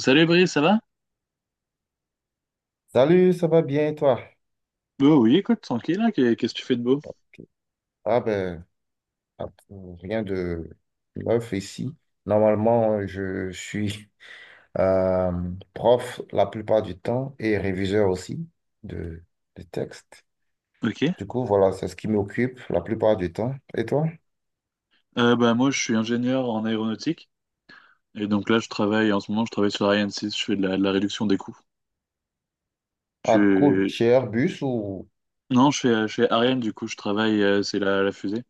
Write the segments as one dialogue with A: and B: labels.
A: Salut Brice, ça va?
B: Salut, ça va bien et toi?
A: Bah oui, écoute, tranquille, hein, qu'est-ce que tu fais de beau?
B: Ah ben, ah, rien de neuf ici. Normalement, je suis euh, prof la plupart du temps et réviseur aussi de, de textes.
A: Ok.
B: Du coup, voilà, c'est ce qui m'occupe la plupart du temps. Et toi?
A: Bah moi je suis ingénieur en aéronautique et donc là je travaille en ce moment je travaille sur Ariane 6, je fais de la réduction des coûts.
B: Ah, cool.
A: Je...
B: Chez Airbus ou...
A: Non, je fais chez Ariane du coup je travaille c'est la fusée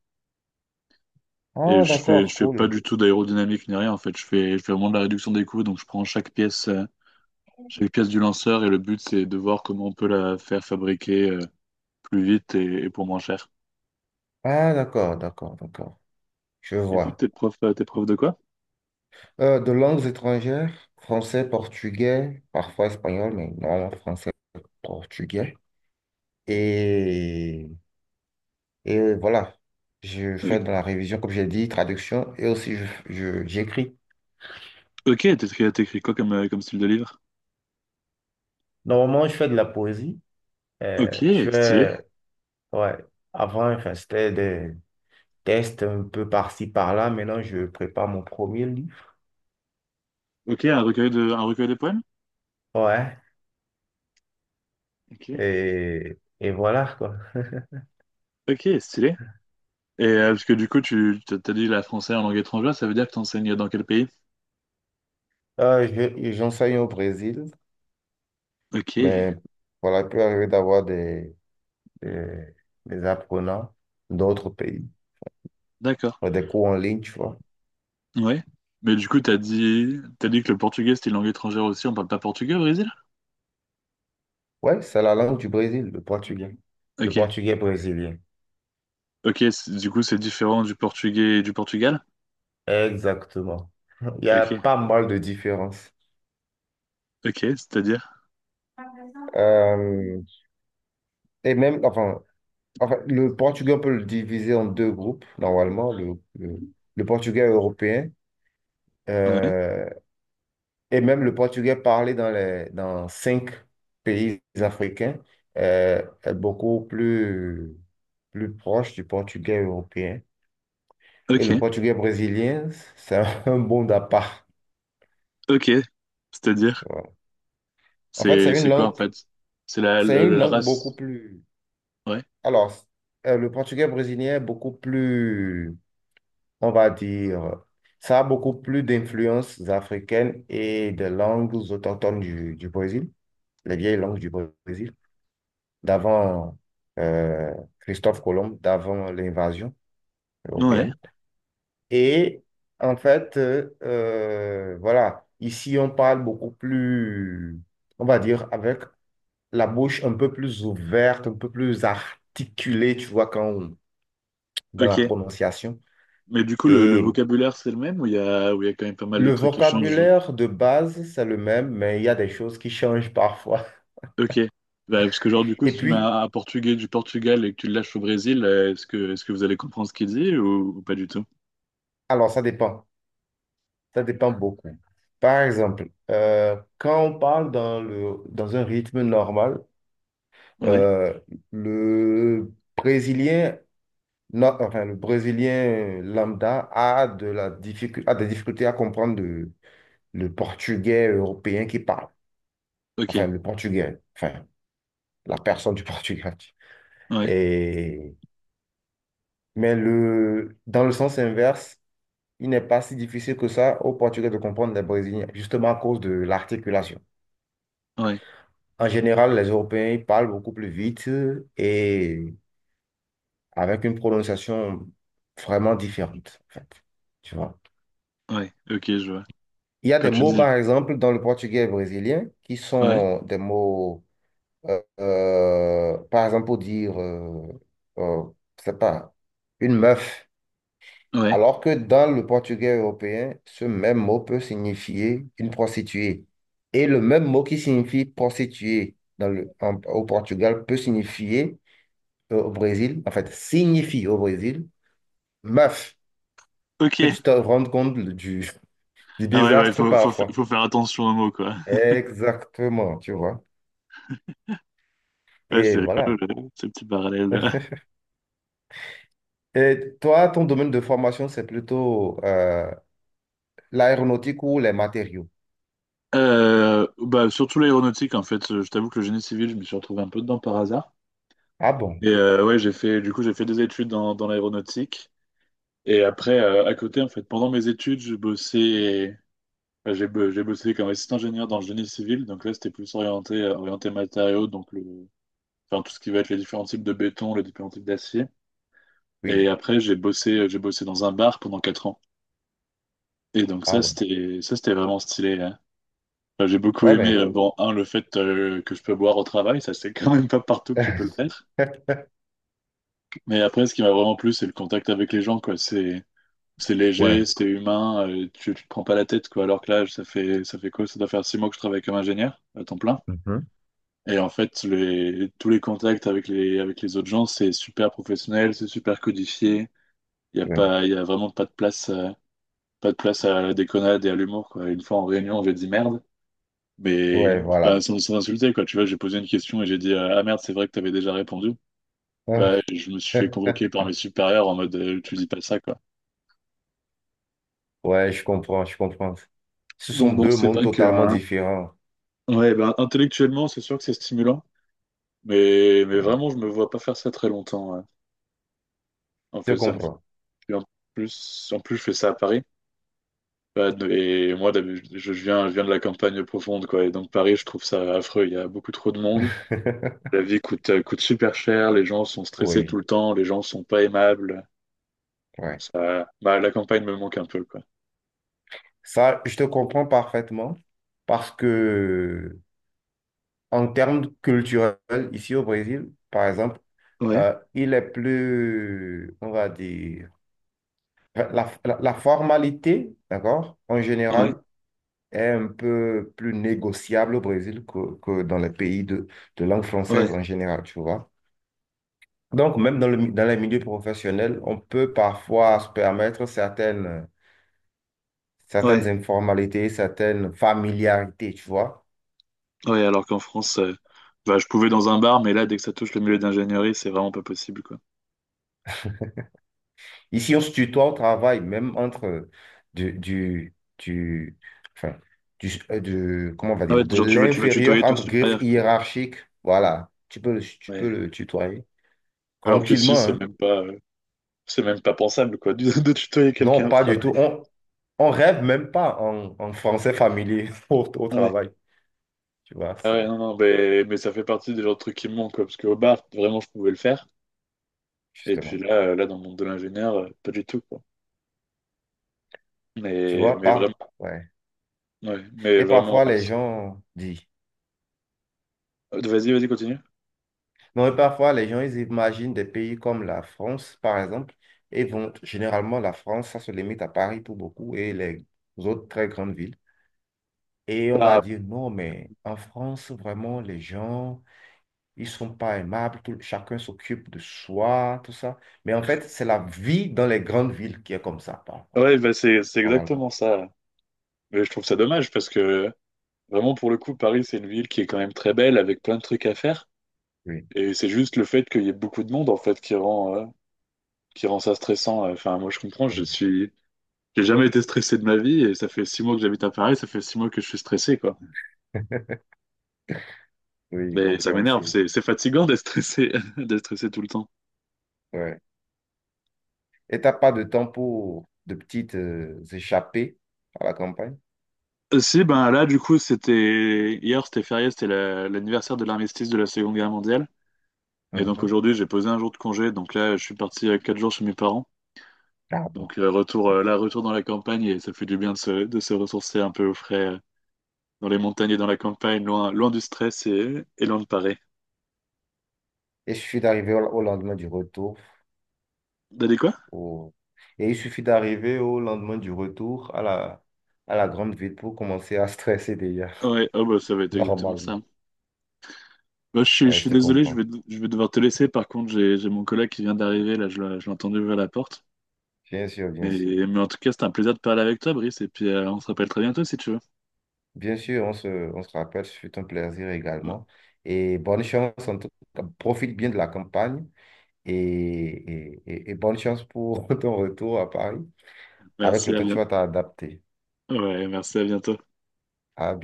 A: et
B: Ah, d'accord,
A: je fais pas
B: cool.
A: du tout d'aérodynamique ni rien en fait, je fais vraiment de la réduction des coûts donc je prends chaque pièce du lanceur et le but c'est de voir comment on peut la faire fabriquer plus vite et pour moins cher.
B: Ah, d'accord, d'accord, d'accord. Je
A: Et tu
B: vois.
A: t'es prof de quoi?
B: De langues étrangères, français, portugais, parfois espagnol, mais normalement français, portugais. Et, et voilà, je
A: Euh,
B: fais de la révision, comme j'ai dit, traduction, et aussi j'écris.
A: ok, t'écris, t'écris quoi comme, comme style de livre?
B: Normalement, je fais de la poésie. Euh,
A: Ok,
B: je
A: stylé.
B: fais, ouais, avant, enfin, c'était des tests un peu par-ci, par-là. Maintenant, je prépare mon premier livre.
A: Ok, un recueil un recueil de poèmes?
B: Ouais,
A: Ok.
B: et voilà, quoi.
A: Ok, stylé. Et parce que du coup, tu t'as t'as dit la français en langue étrangère, ça veut dire que t'enseignes dans quel pays?
B: J'enseigne au Brésil,
A: Ok,
B: mais voilà, il peut arriver d'avoir des, des apprenants d'autres pays,
A: d'accord.
B: des cours en ligne, tu vois.
A: Ouais. Mais du coup, t'as dit que le portugais c'était une langue étrangère aussi, on parle pas portugais au Brésil?
B: Ouais, c'est la langue du Brésil, le portugais. Le
A: Ok.
B: portugais brésilien.
A: Ok, du coup, c'est différent du portugais et du Portugal?
B: Exactement. Il y a
A: Ok,
B: pas mal de différences.
A: ok, c'est-à-dire?
B: Euh, et même, le portugais, on peut le diviser en deux groupes, normalement, le portugais européen
A: Ouais,
B: euh, et même le portugais parlé dans dans cinq pays africains est beaucoup plus, plus proche du portugais européen. Et le
A: ok,
B: portugais brésilien, c'est un monde à part.
A: ok, c'est-à-dire?
B: En fait,
A: C'est quoi en fait? C'est
B: c'est une
A: la
B: langue beaucoup
A: race?
B: plus.
A: Ouais,
B: Alors, le portugais brésilien est beaucoup plus, on va dire, ça a beaucoup plus d'influences africaines et de langues autochtones du Brésil, les vieilles langues du Brésil, d'avant euh, Christophe Colomb, d'avant l'invasion
A: ouais,
B: européenne. Et en fait, voilà, ici, on parle beaucoup plus, on va dire, avec la bouche un peu plus ouverte, un peu plus articulée, tu vois, dans la
A: ok.
B: prononciation.
A: Mais du coup, le
B: Et
A: vocabulaire, c'est le même ou ou il y a quand même pas mal de
B: le
A: trucs qui changent?
B: vocabulaire de base, c'est le même, mais il y a des choses qui changent parfois.
A: Ok. Bah, parce que, genre, du coup,
B: Et
A: si tu mets
B: puis,
A: un portugais du Portugal et que tu le lâches au Brésil, est-ce que vous allez comprendre ce qu'il dit ou pas du tout?
B: alors, ça dépend. Ça dépend beaucoup. Par exemple, quand on parle dans un rythme normal,
A: Ouais,
B: euh, le Brésilien, no- enfin, le Brésilien lambda a de la difficulté, a des difficultés à comprendre le portugais européen qui parle. Enfin
A: ok,
B: le Portugais, enfin la personne du Portugal.
A: ouais,
B: Et, mais le, dans le sens inverse, il n'est pas si difficile que ça aux Portugais de comprendre les Brésiliens, justement à cause de l'articulation.
A: ouais,
B: En général, les Européens ils parlent beaucoup plus vite et avec une prononciation vraiment différente, en fait. Tu vois.
A: ouais, ok, je vois.
B: Il y a
A: Quand
B: des
A: tu
B: mots,
A: dis.
B: par exemple, dans le portugais brésilien qui
A: Ouais,
B: sont des mots, par exemple, pour dire, euh, je sais pas, une meuf.
A: ouais.
B: Alors que dans le portugais européen, ce même mot peut signifier une prostituée. Et le même mot qui signifie prostituée au Portugal peut signifier au Brésil, en fait, signifie au Brésil, meuf,
A: Ok,
B: que tu te rendes compte du
A: Ah ouais, ouais,
B: désastre parfois.
A: faut faire attention aux mots, quoi.
B: Exactement, tu vois.
A: Ouais,
B: Et
A: c'est rigolo,
B: voilà.
A: ce petit parallèle.
B: Et toi, ton domaine de formation, c'est plutôt l'aéronautique ou les matériaux.
A: Bah, surtout l'aéronautique, en fait. Je t'avoue que le génie civil, je me suis retrouvé un peu dedans par hasard.
B: Ah bon?
A: Et ouais, du coup, j'ai fait des études dans l'aéronautique. Et après, à côté, en fait, pendant mes études, enfin, j'ai bossé comme assistant ingénieur dans le génie civil. Donc là, c'était plus orienté, orienté matériaux, enfin, tout ce qui va être les différents types de béton, les différents types d'acier. Et
B: Oui.
A: après, j'ai bossé dans un bar pendant 4 ans. Et donc
B: Ah
A: ça,
B: ouais.
A: c'était vraiment stylé, hein. Enfin, j'ai beaucoup
B: Ouais,
A: aimé,
B: mais.
A: bon, un, le fait que je peux boire au travail, ça c'est quand même pas partout que tu peux le faire. Mais après, ce qui m'a vraiment plu, c'est le contact avec les gens, quoi. C'est
B: Ouais.
A: léger, c'est humain, tu te prends pas la tête, quoi. Alors que là, ça fait quoi? Ça doit faire 6 mois que je travaille comme ingénieur à temps plein.
B: Mhm.
A: Et en fait, tous les contacts avec les autres gens, c'est super professionnel, c'est super codifié.
B: Ouais.
A: Il y a vraiment pas de place, pas de place à la déconnade et à l'humour, quoi. Une fois en réunion, j'ai dit merde. Mais
B: Ouais,
A: bah,
B: voilà.
A: sans insulter, quoi. Tu vois, j'ai posé une question et j'ai dit ah merde, c'est vrai que t'avais déjà répondu. Bah, je me suis fait convoquer par mes supérieurs en mode tu dis pas ça, quoi.
B: Ouais, je comprends, je comprends. Ce sont
A: Donc bon,
B: deux
A: c'est
B: mondes
A: vrai que
B: totalement différents.
A: ouais, bah, intellectuellement, c'est sûr que c'est stimulant. Mais
B: Ouais,
A: vraiment, je me vois pas faire ça très longtemps, ouais. En
B: je
A: fait,
B: te comprends.
A: et en en plus, je fais ça à Paris. Et moi, je viens de la campagne profonde, quoi. Et donc, Paris, je trouve ça affreux. Il y a beaucoup trop de monde. La vie coûte super cher. Les gens sont stressés tout
B: Oui,
A: le temps. Les gens sont pas aimables.
B: ouais.
A: Ça, bah, la campagne me manque un peu, quoi.
B: Ça, je te comprends parfaitement parce que en termes culturels, ici au Brésil, par exemple,
A: Ouais,
B: il est plus, on va dire, la, la formalité, d'accord, en
A: ouais,
B: général, est un peu plus négociable au Brésil que dans les pays de langue
A: ouais,
B: française en général, tu vois. Donc, même dans les milieux professionnels, on peut parfois se permettre certaines,
A: ouais,
B: certaines informalités, certaines familiarités, tu vois.
A: ouais. Alors qu'en France, bah, je pouvais dans un bar, mais là, dès que ça touche le milieu d'ingénierie, c'est vraiment pas possible, quoi.
B: Ici, on se tutoie au travail, même entre du, enfin, du- comment on va
A: Ah ouais,
B: dire, de
A: genre tu veux tutoyer
B: l'inférieur
A: ton
B: entre griffes
A: supérieur, quoi.
B: hiérarchiques. Voilà, tu peux
A: Ouais.
B: le tutoyer
A: Alors que si,
B: tranquillement, hein.
A: c'est même pas pensable, quoi, de, de tutoyer
B: Non,
A: quelqu'un au
B: pas du tout.
A: travail.
B: On rêve même pas en français familier au
A: Ouais.
B: travail, tu vois,
A: Ah ouais,
B: c'est
A: non, non, mais ça fait partie des genres de trucs qui me manquent, quoi, parce qu'au bar, vraiment, je pouvais le faire. Et puis
B: justement,
A: là, dans le monde de l'ingénieur, pas du tout, quoi.
B: tu
A: Mais,
B: vois,
A: mais vraiment,
B: pas. Ouais.
A: ouais, mais
B: Et
A: vraiment,
B: parfois,
A: ouais.
B: les gens disent,
A: Vas-y, vas-y, continue.
B: non, et parfois, les gens, ils imaginent des pays comme la France, par exemple, et vont, généralement, la France, ça se limite à Paris pour beaucoup et les autres très grandes villes. Et on va
A: Bah,
B: dire, non, mais en France, vraiment, les gens, ils sont pas aimables, chacun s'occupe de soi, tout ça. Mais en fait, c'est la vie dans les grandes villes qui est comme ça, parfois,
A: ouais, bah c'est
B: normalement.
A: exactement ça. Mais je trouve ça dommage parce que vraiment pour le coup, Paris, c'est une ville qui est quand même très belle avec plein de trucs à faire.
B: Oui,
A: Et c'est juste le fait qu'il y ait beaucoup de monde en fait qui rend ça stressant. Enfin, moi je comprends, je
B: oui,
A: suis j'ai jamais été stressé de ma vie et ça fait 6 mois que j'habite à Paris, ça fait 6 mois que je suis stressé, quoi.
B: oui,
A: Mais ça m'énerve,
B: compréhensible.
A: c'est fatigant d'être stressé d'être stressé tout le temps.
B: Ouais. Et t'as pas de temps pour de petites échappées à la campagne?
A: Si, ben là du coup c'était hier, c'était férié, c'était l'anniversaire de l'armistice de la Seconde Guerre mondiale. Et donc
B: Mhm.
A: aujourd'hui, j'ai posé un jour de congé. Donc là, je suis parti 4 jours chez mes parents.
B: Ah bon.
A: Donc retour retour dans la campagne et ça fait du bien de se ressourcer un peu au frais dans les montagnes et dans la campagne, loin, loin du stress et loin de Paris.
B: Et il suffit d'arriver au lendemain du retour.
A: T'as dit quoi?
B: Au... Et il suffit d'arriver au lendemain du retour à la grande ville pour commencer à stresser déjà,
A: Ouais, oh bah ça va être exactement ça.
B: normalement.
A: Je
B: Ouais, je
A: suis
B: te
A: désolé,
B: comprends.
A: je vais devoir te laisser. Par contre, j'ai mon collègue qui vient d'arriver, là, je l'ai entendu ouvrir la porte.
B: Bien sûr, bien
A: Mais,
B: sûr.
A: mais en tout cas, c'était un plaisir de parler avec toi, Brice. Et puis, on se rappelle très bientôt si tu veux.
B: Bien sûr, on se rappelle, ce fut un plaisir
A: Ouais,
B: également. Et bonne chance, en tout cas, profite bien de la campagne et et bonne chance pour ton retour à Paris. Avec
A: merci,
B: le
A: à
B: temps, tu
A: bientôt.
B: vas t'adapter.
A: Ouais, merci, à bientôt.
B: À